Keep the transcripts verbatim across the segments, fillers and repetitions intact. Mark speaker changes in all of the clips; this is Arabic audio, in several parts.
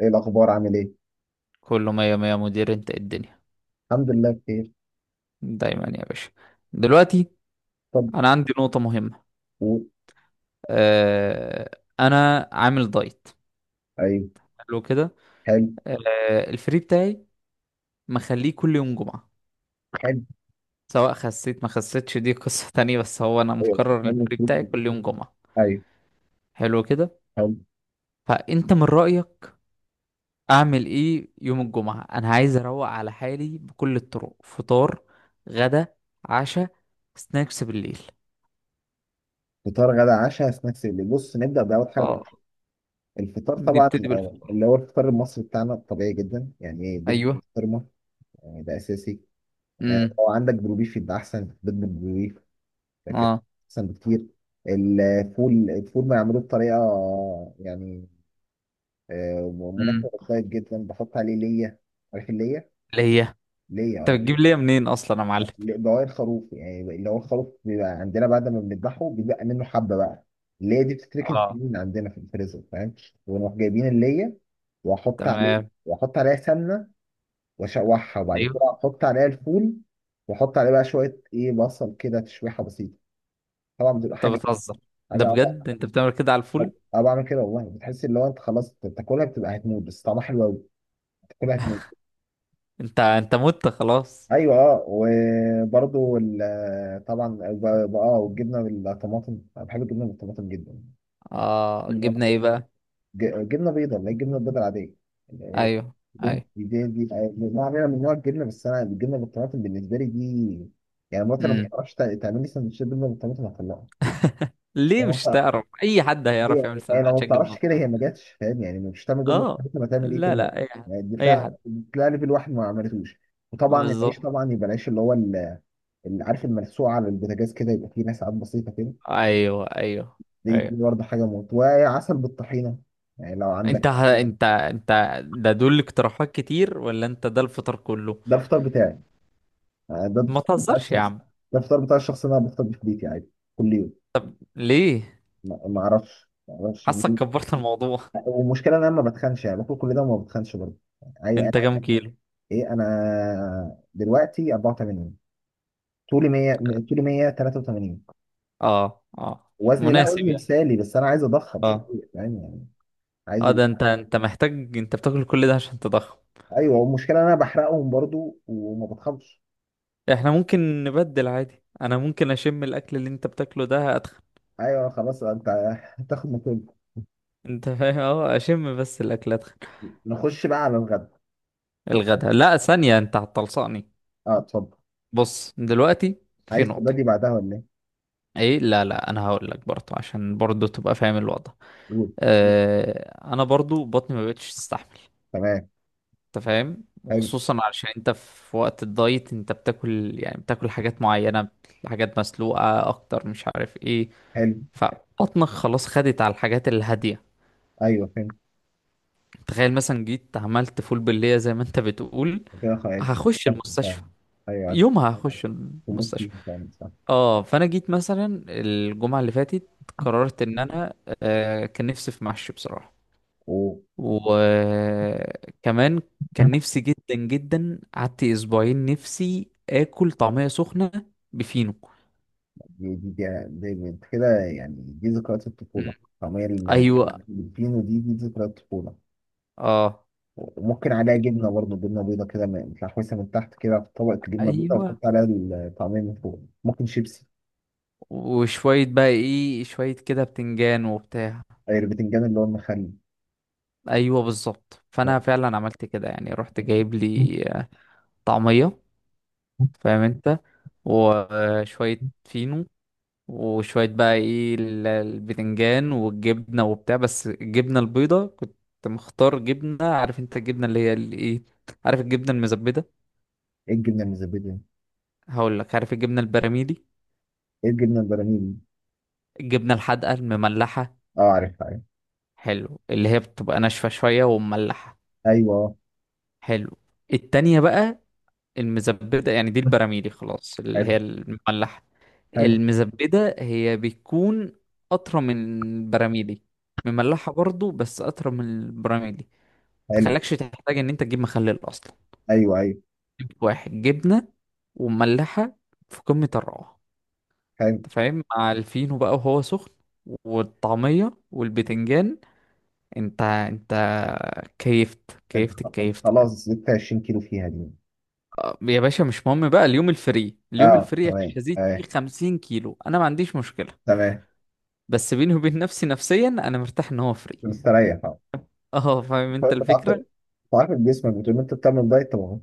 Speaker 1: ايه الاخبار؟ عامل ايه؟
Speaker 2: كله مية مية مدير. انت ايه الدنيا؟
Speaker 1: الحمد لله بخير.
Speaker 2: دايما يا باشا. دلوقتي
Speaker 1: طب
Speaker 2: انا عندي نقطة مهمة.
Speaker 1: قول.
Speaker 2: آه انا عامل دايت.
Speaker 1: ايوه.
Speaker 2: حلو كده.
Speaker 1: حلو.
Speaker 2: آه، الفري بتاعي مخليه كل يوم جمعة.
Speaker 1: حلو.
Speaker 2: سواء خسيت ما خسيتش دي قصة تانية، بس هو انا
Speaker 1: ايوه
Speaker 2: مقرر ان
Speaker 1: بتتمنى
Speaker 2: الفري
Speaker 1: تروح
Speaker 2: بتاعي
Speaker 1: فين؟
Speaker 2: كل يوم جمعة.
Speaker 1: ايوه.
Speaker 2: حلو كده.
Speaker 1: حلو.
Speaker 2: فانت من رأيك اعمل ايه يوم الجمعة؟ انا عايز اروق على حالي بكل الطرق: فطار، غدا، عشا، سناكس بالليل.
Speaker 1: فطار، غدا، عشاء، سناكس. اللي بص، نبدا باول حاجه.
Speaker 2: اه،
Speaker 1: الفطار طبعا
Speaker 2: نبتدي
Speaker 1: الأول،
Speaker 2: بالفطار.
Speaker 1: اللي هو الفطار المصري بتاعنا طبيعي جدا، يعني ايه، بيض
Speaker 2: ايوه.
Speaker 1: بسطرمه، يعني ده اساسي. آه،
Speaker 2: مم.
Speaker 1: لو عندك بروبيف يبقى احسن، بيض بالبروبيف ده كده
Speaker 2: اه.
Speaker 1: احسن بكتير. الفول الفول بيعملوه بطريقه يعني آه،
Speaker 2: امم،
Speaker 1: مناسبة للدايت جدا، بحط عليه ليا. عارف الليا؟
Speaker 2: اللي هي انت
Speaker 1: ليا
Speaker 2: بتجيب ليا منين اصلا يا معلم؟
Speaker 1: بواقي الخروف، يعني اللي هو الخروف بيبقى عندنا بعد ما بنذبحه بيبقى منه حبه بقى اللي هي دي، بتتركن في
Speaker 2: اه،
Speaker 1: من عندنا في الفريزر، فاهم. ونروح جايبين اللي هي، واحط عليه،
Speaker 2: تمام.
Speaker 1: واحط عليها سمنه، واشوحها، وبعد
Speaker 2: ايوه.
Speaker 1: كده احط عليها الفول، واحط عليه بقى شويه ايه، بصل كده تشويحه بسيطه. طبعا بتبقى
Speaker 2: انت
Speaker 1: حاجه،
Speaker 2: بتهزر! ده
Speaker 1: حاجه اه
Speaker 2: بجد انت بتعمل كده على
Speaker 1: آه،
Speaker 2: الفول؟
Speaker 1: آه، بعمل كده والله، بتحس اللي هو انت خلاص بتاكلها بتبقى هتموت، بس طعمها حلو قوي. بتاكلها هتموت.
Speaker 2: انت انت مت خلاص!
Speaker 1: ايوه اه وبرضو ال- طبعا ب- ب- اه والجبنه بالطماطم، انا بحب الجبنه بالطماطم جدا.
Speaker 2: اه، جبنا ايه بقى؟
Speaker 1: ج- جبنه بيضاء، اللي هي الجبنه البيضاء العاديه، اللي هي
Speaker 2: ايوه.
Speaker 1: بدون-
Speaker 2: ايوه.
Speaker 1: دي دي دي نوع من من نوع الجبنه. بس انا الجبنه بالطماطم بالنسبه لي دي، يعني مراتي لو ما
Speaker 2: امم،
Speaker 1: بتعرفش تع- تعمل لي سندوتشات جبنه بالطماطم هطلعها.
Speaker 2: ليه؟
Speaker 1: هي ما
Speaker 2: مش
Speaker 1: بتع-
Speaker 2: تعرف؟ اي حد هيعرف يعمل
Speaker 1: هي- هي لو ما
Speaker 2: سندوتشات جبنه
Speaker 1: بتعرفش كده
Speaker 2: وطماطم.
Speaker 1: هي ما جاتش، فاهم يعني؟ مش هتعمل جبنه
Speaker 2: اه،
Speaker 1: بالطماطم، هتعمل ايه
Speaker 2: لا
Speaker 1: تاني؟
Speaker 2: لا، اي حد.
Speaker 1: يعني دي
Speaker 2: اي
Speaker 1: تلاقي
Speaker 2: حد.
Speaker 1: دي تلاقي ليفل واحد ما عملتوش. وطبعا العيش،
Speaker 2: بالظبط.
Speaker 1: طبعا يبقى العيش اللي هو اللي عارف الملسوعه على البوتاجاز كده يبقى فيه نسعات بسيطه كده،
Speaker 2: ايوه. ايوه.
Speaker 1: دي دي
Speaker 2: ايوه.
Speaker 1: برضه حاجه موت، وعسل بالطحينه يعني لو
Speaker 2: انت
Speaker 1: عندك.
Speaker 2: ه... انت انت ده دول اقتراحات كتير ولا انت ده الفطار كله؟
Speaker 1: ده الفطار بتاعي، يعني ده
Speaker 2: ما
Speaker 1: الفطار بتاع
Speaker 2: تهزرش يا
Speaker 1: الشخص،
Speaker 2: عم!
Speaker 1: ده الفطار بتاع الشخص اللي انا بفطر بيه في بيتي عادي كل يوم.
Speaker 2: ليه؟
Speaker 1: ما ما اعرفش ما اعرفش.
Speaker 2: حاسك كبرت الموضوع.
Speaker 1: والمشكله ان انا ما بتخنش، يعني باكل كل ده وما بتخنش برضه. عاي- انا
Speaker 2: انت
Speaker 1: عايز.
Speaker 2: كام كيلو؟
Speaker 1: ايه، انا دلوقتي أربعة وثمانين، طولي مية، طولي مية وثلاثة وثمانين.
Speaker 2: اه، اه،
Speaker 1: وزني، لا
Speaker 2: مناسب
Speaker 1: وزني
Speaker 2: يعني.
Speaker 1: مثالي، بس انا عايز اضخم شويه،
Speaker 2: اه.
Speaker 1: فاهم يعني؟ عايز
Speaker 2: اه،
Speaker 1: ال...
Speaker 2: ده انت انت محتاج؟ انت بتاكل كل ده عشان تضخم؟
Speaker 1: ايوه والمشكله إن انا بحرقهم برضو وما بتخنش.
Speaker 2: احنا ممكن نبدل عادي، انا ممكن اشم الاكل اللي انت بتاكله ده اتخن.
Speaker 1: ايوه خلاص، انت هتاخد مكان.
Speaker 2: انت فاهم؟ اه، اشم بس الاكل اتخن.
Speaker 1: نخش بقى على الغدا. الغدا-
Speaker 2: الغدا، لا ثانية، انت هتلصقني.
Speaker 1: اه اتفضل.
Speaker 2: بص دلوقتي، في
Speaker 1: عايز
Speaker 2: نقطة.
Speaker 1: تبادي بعدها ولا ايه؟
Speaker 2: ايه؟ لا لا، انا هقول لك برضه عشان برضه تبقى فاهم الوضع.
Speaker 1: قول.
Speaker 2: آه، انا برضه بطني ما بقتش تستحمل.
Speaker 1: تمام.
Speaker 2: انت فاهم؟
Speaker 1: حلو.
Speaker 2: وخصوصا علشان انت في وقت الدايت انت بتاكل، يعني بتاكل حاجات معينة، حاجات مسلوقة اكتر، مش عارف ايه.
Speaker 1: حلو.
Speaker 2: فبطنك خلاص خدت على الحاجات الهادية.
Speaker 1: ايوه فهمت.
Speaker 2: تخيل مثلا جيت عملت فول باللية زي ما انت بتقول،
Speaker 1: كده خلاص.
Speaker 2: هخش
Speaker 1: صح،
Speaker 2: المستشفى.
Speaker 1: فاهم. ايوه
Speaker 2: يومها هخش
Speaker 1: تموت
Speaker 2: المستشفى.
Speaker 1: فيه، فاهم، صح.
Speaker 2: اه، فانا جيت مثلا الجمعة اللي فاتت، قررت ان انا آه كان نفسي في محشي بصراحة.
Speaker 1: أوه،
Speaker 2: وكمان كان نفسي جدا جدا. قعدت اسبوعين نفسي اكل طعمية سخنة بفينو.
Speaker 1: دي دي دي, دي, دي انت كده، يعني دي ذكريات
Speaker 2: مم.
Speaker 1: الطفوله. طعميه ال-
Speaker 2: ايوه.
Speaker 1: الفينو، دي دي ذكريات الطفوله.
Speaker 2: اه.
Speaker 1: وممكن عليها جبنه برضه، جبنه بيضه كده، م- متلحوسه من تحت كده، في طبق جبنه بيضه
Speaker 2: ايوه.
Speaker 1: وتحط عليها الطعميه من فوق، ممكن شيبسي.
Speaker 2: وشوية بقى ايه، شوية كده بتنجان وبتاع.
Speaker 1: أي، البتنجان اللي هو المخلي.
Speaker 2: ايوه بالظبط. فانا فعلا عملت كده، يعني رحت جايب لي آه، طعمية، فاهم انت، وشوية فينو، وشوية بقى ايه ال- البتنجان والجبنة وبتاع. بس الجبنة البيضة كنت مختار جبنة، عارف انت الجبنة اللي هي الايه، عارف الجبنة المزبدة؟
Speaker 1: ايه الجبنه المزبده؟
Speaker 2: هقول لك، عارف الجبنة البراميلي؟
Speaker 1: ايه الجبنه البراميل؟
Speaker 2: الجبنة الحادقة المملحة.
Speaker 1: اه عارفها، عارف.
Speaker 2: حلو، اللي هي بتبقى ناشفة شوية ومملحة.
Speaker 1: ايوه.
Speaker 2: حلو. التانية بقى، المزبدة، يعني دي البراميلي خلاص اللي
Speaker 1: حلو.
Speaker 2: هي المملحة.
Speaker 1: حلو.
Speaker 2: المزبدة هي بتكون أطرى من البراميلي، مملحة برضو بس أطرى من البراميلي.
Speaker 1: حلو.
Speaker 2: تخليكش تحتاج ان انت تجيب مخلل اصلا.
Speaker 1: ايوه. ايوه.
Speaker 2: جبت واحد جبنه ومملحه، في قمه الروعه.
Speaker 1: حلو.
Speaker 2: انت فاهم، مع الفينو بقى وهو سخن والطعميه والبتنجان، انت انت كيفت
Speaker 1: انت
Speaker 2: كيفت
Speaker 1: خ- انت
Speaker 2: كيفت يعني.
Speaker 1: خلاص زدت عشرين كيلو فيها دي.
Speaker 2: آه، يا باشا مش مهم بقى، اليوم الفري اليوم
Speaker 1: اه
Speaker 2: الفري
Speaker 1: تمام،
Speaker 2: مش هزيد فيه
Speaker 1: اه
Speaker 2: 50 كيلو، انا ما عنديش مشكله.
Speaker 1: تمام.
Speaker 2: بس بيني وبين نفسي، نفسيا انا مرتاح ان هو فري.
Speaker 1: مستريح اه
Speaker 2: اه، فاهم انت
Speaker 1: طيب، بتعرف،
Speaker 2: الفكره.
Speaker 1: بتعرف جسمك بتقول انت بتعمل دايت طبعا،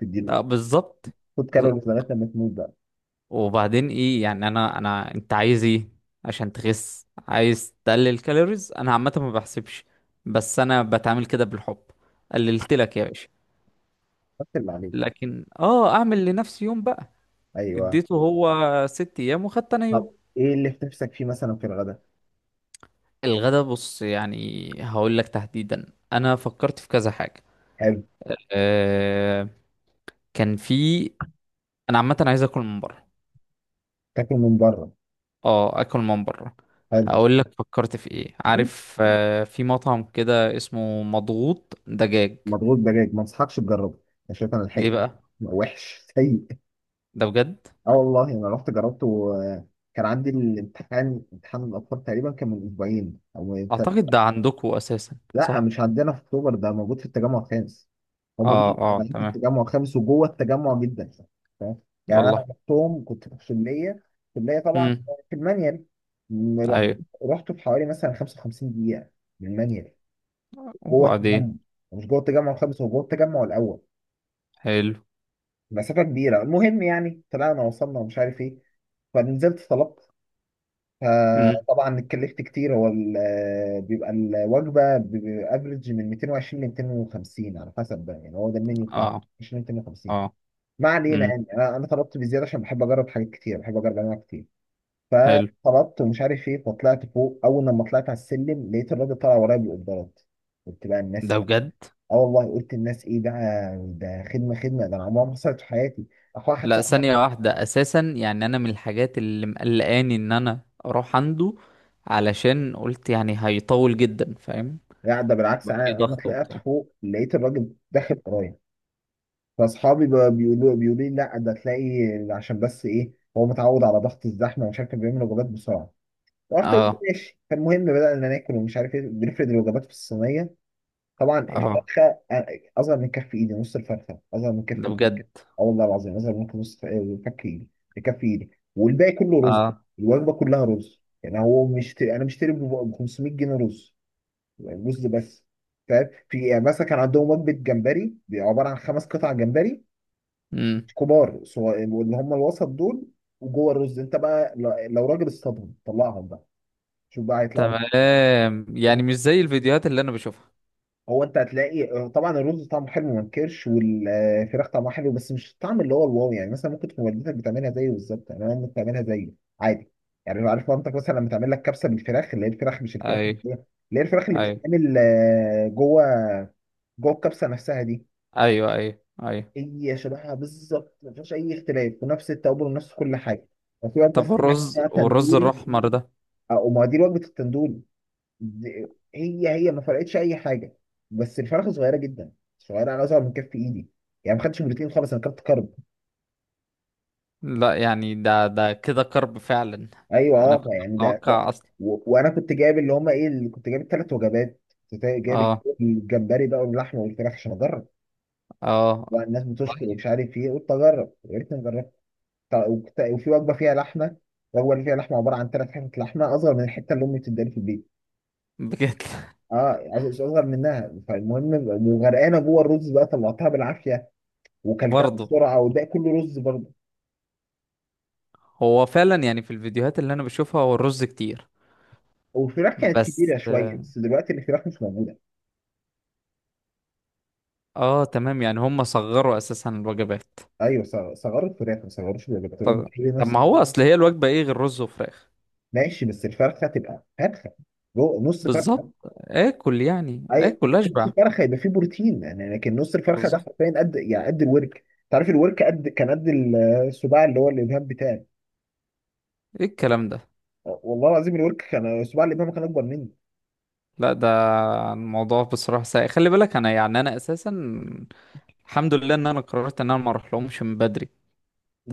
Speaker 1: تديله.
Speaker 2: اه بالظبط.
Speaker 1: خد كالوريز لغايه لما تموت بقى.
Speaker 2: وبعدين ايه يعني؟ انا انا انت عايز ايه؟ عشان تخس عايز تقلل كالوريز؟ انا عامه ما بحسبش، بس انا بتعامل كده بالحب. قللت لك يا باشا،
Speaker 1: بس اللي عليك.
Speaker 2: لكن اه اعمل لنفسي يوم بقى.
Speaker 1: ايوه.
Speaker 2: اديته هو ست ايام وخدت انا يوم.
Speaker 1: طب ايه اللي في نفسك فيه مثلا في الغداء؟
Speaker 2: الغدا بص، يعني هقول لك تحديدا، انا فكرت في كذا حاجه.
Speaker 1: حلو.
Speaker 2: أه، كان في، انا عامه عايز اكل من بره.
Speaker 1: تاكل من بره.
Speaker 2: اه، اكل من بره.
Speaker 1: حلو.
Speaker 2: هقول لك فكرت في ايه، عارف آه، في مطعم كده اسمه مضغوط دجاج.
Speaker 1: مضغوط دجاج؟ ما انصحكش تجربه، انا شايف انا
Speaker 2: ليه
Speaker 1: لحقت.
Speaker 2: بقى؟
Speaker 1: وحش، سيء.
Speaker 2: ده بجد؟
Speaker 1: اه والله انا رحت جربته و كان عندي الامتحان، امتحان الاطفال تقريبا، كان من اسبوعين او تل-
Speaker 2: اعتقد ده عندكم اساسا،
Speaker 1: لا
Speaker 2: صح؟
Speaker 1: مش عندنا في اكتوبر، ده موجود في التجمع الخامس. هم
Speaker 2: اه
Speaker 1: ليه
Speaker 2: اه
Speaker 1: شغالين في
Speaker 2: تمام.
Speaker 1: التجمع الخامس وجوه التجمع جدا؟ فاهم يعني؟ انا
Speaker 2: والله.
Speaker 1: رحتهم كنت في الكليه، الكليه طبعا
Speaker 2: امم.
Speaker 1: في المانيال. م- رحت
Speaker 2: ايوه.
Speaker 1: رحت في حوالي مثلا خمسة وخمسين دقيقه من المانيال جوه التجمع،
Speaker 2: وبعدين؟
Speaker 1: مش جوه التجمع الخامس، هو جوه التجمع الاول،
Speaker 2: حلو.
Speaker 1: مسافه كبيره. المهم يعني طلعنا وصلنا ومش عارف ايه، فنزلت طلبت.
Speaker 2: امم.
Speaker 1: فطبعا اتكلفت كتير، هو ال- آه، بيبقى الوجبه بافريج من ميتين وعشرين ل ميتين وخمسين على حسب بقى، يعني هو ده المنيو بتاعه،
Speaker 2: اه.
Speaker 1: عشرين ميتين وخمسين.
Speaker 2: اه.
Speaker 1: ما علينا
Speaker 2: امم.
Speaker 1: يعني، انا أنا طلبت بزياده عشان بحب اجرب حاجات كتير، بحب اجرب انواع كتير.
Speaker 2: حلو.
Speaker 1: فطلبت ومش عارف ايه، فطلعت فوق، اول لما طلعت على السلم لقيت الراجل طالع ورايا بالقدرات. قلت بقى الناس
Speaker 2: ده
Speaker 1: ايه؟
Speaker 2: بجد؟
Speaker 1: اه والله قلت الناس ايه ده؟ ده خدمه، خدمه ده انا عمرها ما حصلت في حياتي. اخويا، واحد
Speaker 2: لا
Speaker 1: صاحبي،
Speaker 2: ثانية واحدة، اساسا يعني انا من الحاجات اللي مقلقاني ان انا اروح عنده، علشان قلت يعني هيطول جدا، فاهم؟
Speaker 1: لا ده بالعكس،
Speaker 2: يبقى
Speaker 1: انا
Speaker 2: في
Speaker 1: انا
Speaker 2: ضغط
Speaker 1: طلعت
Speaker 2: وبتاع.
Speaker 1: فوق لقيت الراجل داخل ورايا. فاصحابي بقى بيقولوا بيقولوا لي لا ده تلاقي عشان بس ايه، هو متعود على ضغط الزحمه ومش عارف، كان بيعمل وجبات بسرعه. رحت قلت
Speaker 2: اه.
Speaker 1: ماشي. فالمهم بدأنا ناكل ومش عارف ايه، بنفرد الوجبات في الصينيه. طبعا
Speaker 2: اه.
Speaker 1: الفرخه أ- اصغر من كف ايدي، نص الفرخه اصغر من كف
Speaker 2: ده
Speaker 1: ايدي.
Speaker 2: بجد.
Speaker 1: اه والله العظيم اصغر من نص ف- فك ايدي كف ايدي. والباقي كله رز،
Speaker 2: اه.
Speaker 1: الوجبه كلها رز. يعني هو مش انا مشتري ب خمسمية جنيه رز، يعني رز بس، فاهم؟ في يعني مثلا كان عندهم وجبه جمبري، عباره عن خمس قطع جمبري
Speaker 2: امم.
Speaker 1: كبار، سو- واللي هم الوسط دول، وجوه الرز انت بقى، ل- لو راجل اصطادهم طلعهم بقى، شوف بقى هيطلعوا لك.
Speaker 2: تمام،
Speaker 1: طب،
Speaker 2: يعني مش زي الفيديوهات اللي انا بشوفها.
Speaker 1: هو انت هتلاقي آه، طبعا الرز طعمه حلو، ما انكرش، والفراخ طعمها حلو، بس مش الطعم اللي هو الواو. يعني مثلا ممكن تكون والدتك بتعملها زيه بالظبط، يعني انا ممكن بتعملها زيه عادي. يعني لو عارف مامتك مثلا لما تعمل لك كبسه بالفراخ، اللي هي الفراخ، مش الفراخ
Speaker 2: اي.
Speaker 1: اللي هي، اللي هي الفراخ اللي
Speaker 2: اي.
Speaker 1: بتتعمل آه، جوه، جوه الكبسه نفسها دي،
Speaker 2: ايوه. ايوه. ايوه.
Speaker 1: هي شبهها بالظبط، ما فيهاش اي اختلاف، ونفس التوابل ونفس كل حاجه. وفي واحد
Speaker 2: طب
Speaker 1: بس
Speaker 2: والرز،
Speaker 1: بتاع
Speaker 2: والرز
Speaker 1: تندوري،
Speaker 2: الاحمر ده؟
Speaker 1: اه وما دي وجبه التندول، دي- هي هي ما فرقتش اي حاجه، بس الفرخه صغيره جدا، صغيره انا اصغر من كف ايدي، يعني ما خدتش بروتين خالص، انا كنت كارب.
Speaker 2: لا يعني ده ده كده كرب فعلا.
Speaker 1: ايوه
Speaker 2: انا
Speaker 1: اه
Speaker 2: كنت
Speaker 1: يعني ده ده.
Speaker 2: متوقع اصلا.
Speaker 1: و... وانا كنت جايب اللي هم ايه، اللي كنت جايب الثلاث وجبات، كنت جايب
Speaker 2: اه.
Speaker 1: الجمبري بقى واللحمه والفراخ عشان اجرب.
Speaker 2: اه.
Speaker 1: والناس بتشكر ومش عارف ايه، قلت اجرب، يا ريتني جربت. طيب، وكت- وفي وجبه فيها لحمه، الوجبه اللي فيها لحمه عباره عن ثلاث حتت لحمه اصغر من الحته اللي امي بتداني في البيت.
Speaker 2: بجد؟
Speaker 1: اه عايز اصغر منها. فالمهم وغرقانه جوه الرز بقى، طلعتها بالعافيه وكلتها
Speaker 2: برضه.
Speaker 1: بسرعه وده كله رز برضه.
Speaker 2: هو فعلا يعني في الفيديوهات اللي انا بشوفها هو الرز كتير.
Speaker 1: والفراخ كانت
Speaker 2: بس.
Speaker 1: كبيره شويه بس دلوقتي الفراخ مش موجوده.
Speaker 2: اه تمام، يعني هم صغروا اساسا الوجبات.
Speaker 1: ايوه ص- صغروا الفراخ، ما صغروش البكتيريات
Speaker 2: طب.
Speaker 1: بتحل
Speaker 2: طب
Speaker 1: نفس.
Speaker 2: ما هو اصل هي الوجبة ايه غير رز وفراخ؟
Speaker 1: ماشي، بس الفرخه تبقى فرخه، جو- نص فرخه.
Speaker 2: بالظبط. اكل يعني،
Speaker 1: اي،
Speaker 2: اكل
Speaker 1: نص
Speaker 2: اشبع.
Speaker 1: فرخه يبقى فيه بروتين يعني. لكن نص الفرخه ده
Speaker 2: بالظبط.
Speaker 1: حرفيا قد، يعني قد الورك. تعرف الورك قد، كان قد السباع، اللي هو الابهام بتاعي.
Speaker 2: ايه الكلام ده!
Speaker 1: والله العظيم الورك كان سباع، الابهام كان اكبر مني.
Speaker 2: لا ده الموضوع بصراحة سيء. خلي بالك انا يعني انا اساسا الحمد لله ان انا قررت ان انا ما اروح لهمش من بدري.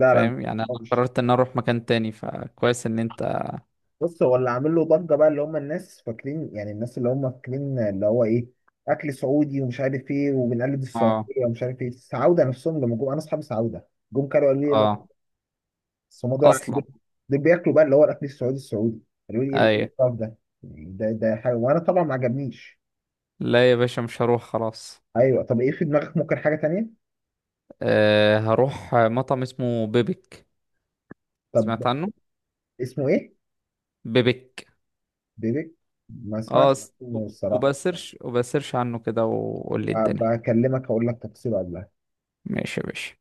Speaker 2: انت
Speaker 1: لا
Speaker 2: فاهم يعني، انا قررت ان انا اروح مكان تاني، فكويس ان انت.
Speaker 1: بص، هو اللي عامل له ضجه بقى اللي هم الناس فاكرين، يعني الناس اللي هم فاكرين اللي هو ايه، اكل سعودي ومش عارف ايه وبنقلد
Speaker 2: اه.
Speaker 1: السعوديه ومش عارف ايه. السعوده نفسهم لما جم، انا اصحاب السعوده جم كانوا قالوا لي لا،
Speaker 2: اه.
Speaker 1: بس هم دول، ع-
Speaker 2: اصلا.
Speaker 1: دول دول بياكلوا بقى اللي هو الاكل السعودي السعودي، قالوا لي ايه إيه
Speaker 2: ايوه.
Speaker 1: القرف ده، يعني ده ده حاجه وانا طبعا ما عجبنيش.
Speaker 2: لا يا باشا مش هروح خلاص.
Speaker 1: ايوه. طب ايه في دماغك؟ ممكن حاجه تانية.
Speaker 2: أه، هروح مطعم اسمه بيبك.
Speaker 1: طب
Speaker 2: سمعت عنه؟
Speaker 1: اسمه ايه؟
Speaker 2: بيبك.
Speaker 1: بيبي؟ ما اسمعش
Speaker 2: اه، س-
Speaker 1: اسمه الصراحه.
Speaker 2: وبسيرش وبسيرش عنه كده وقول لي الدنيا.
Speaker 1: بكلمك هقول لك تفصيله.
Speaker 2: ماشي يا باشا.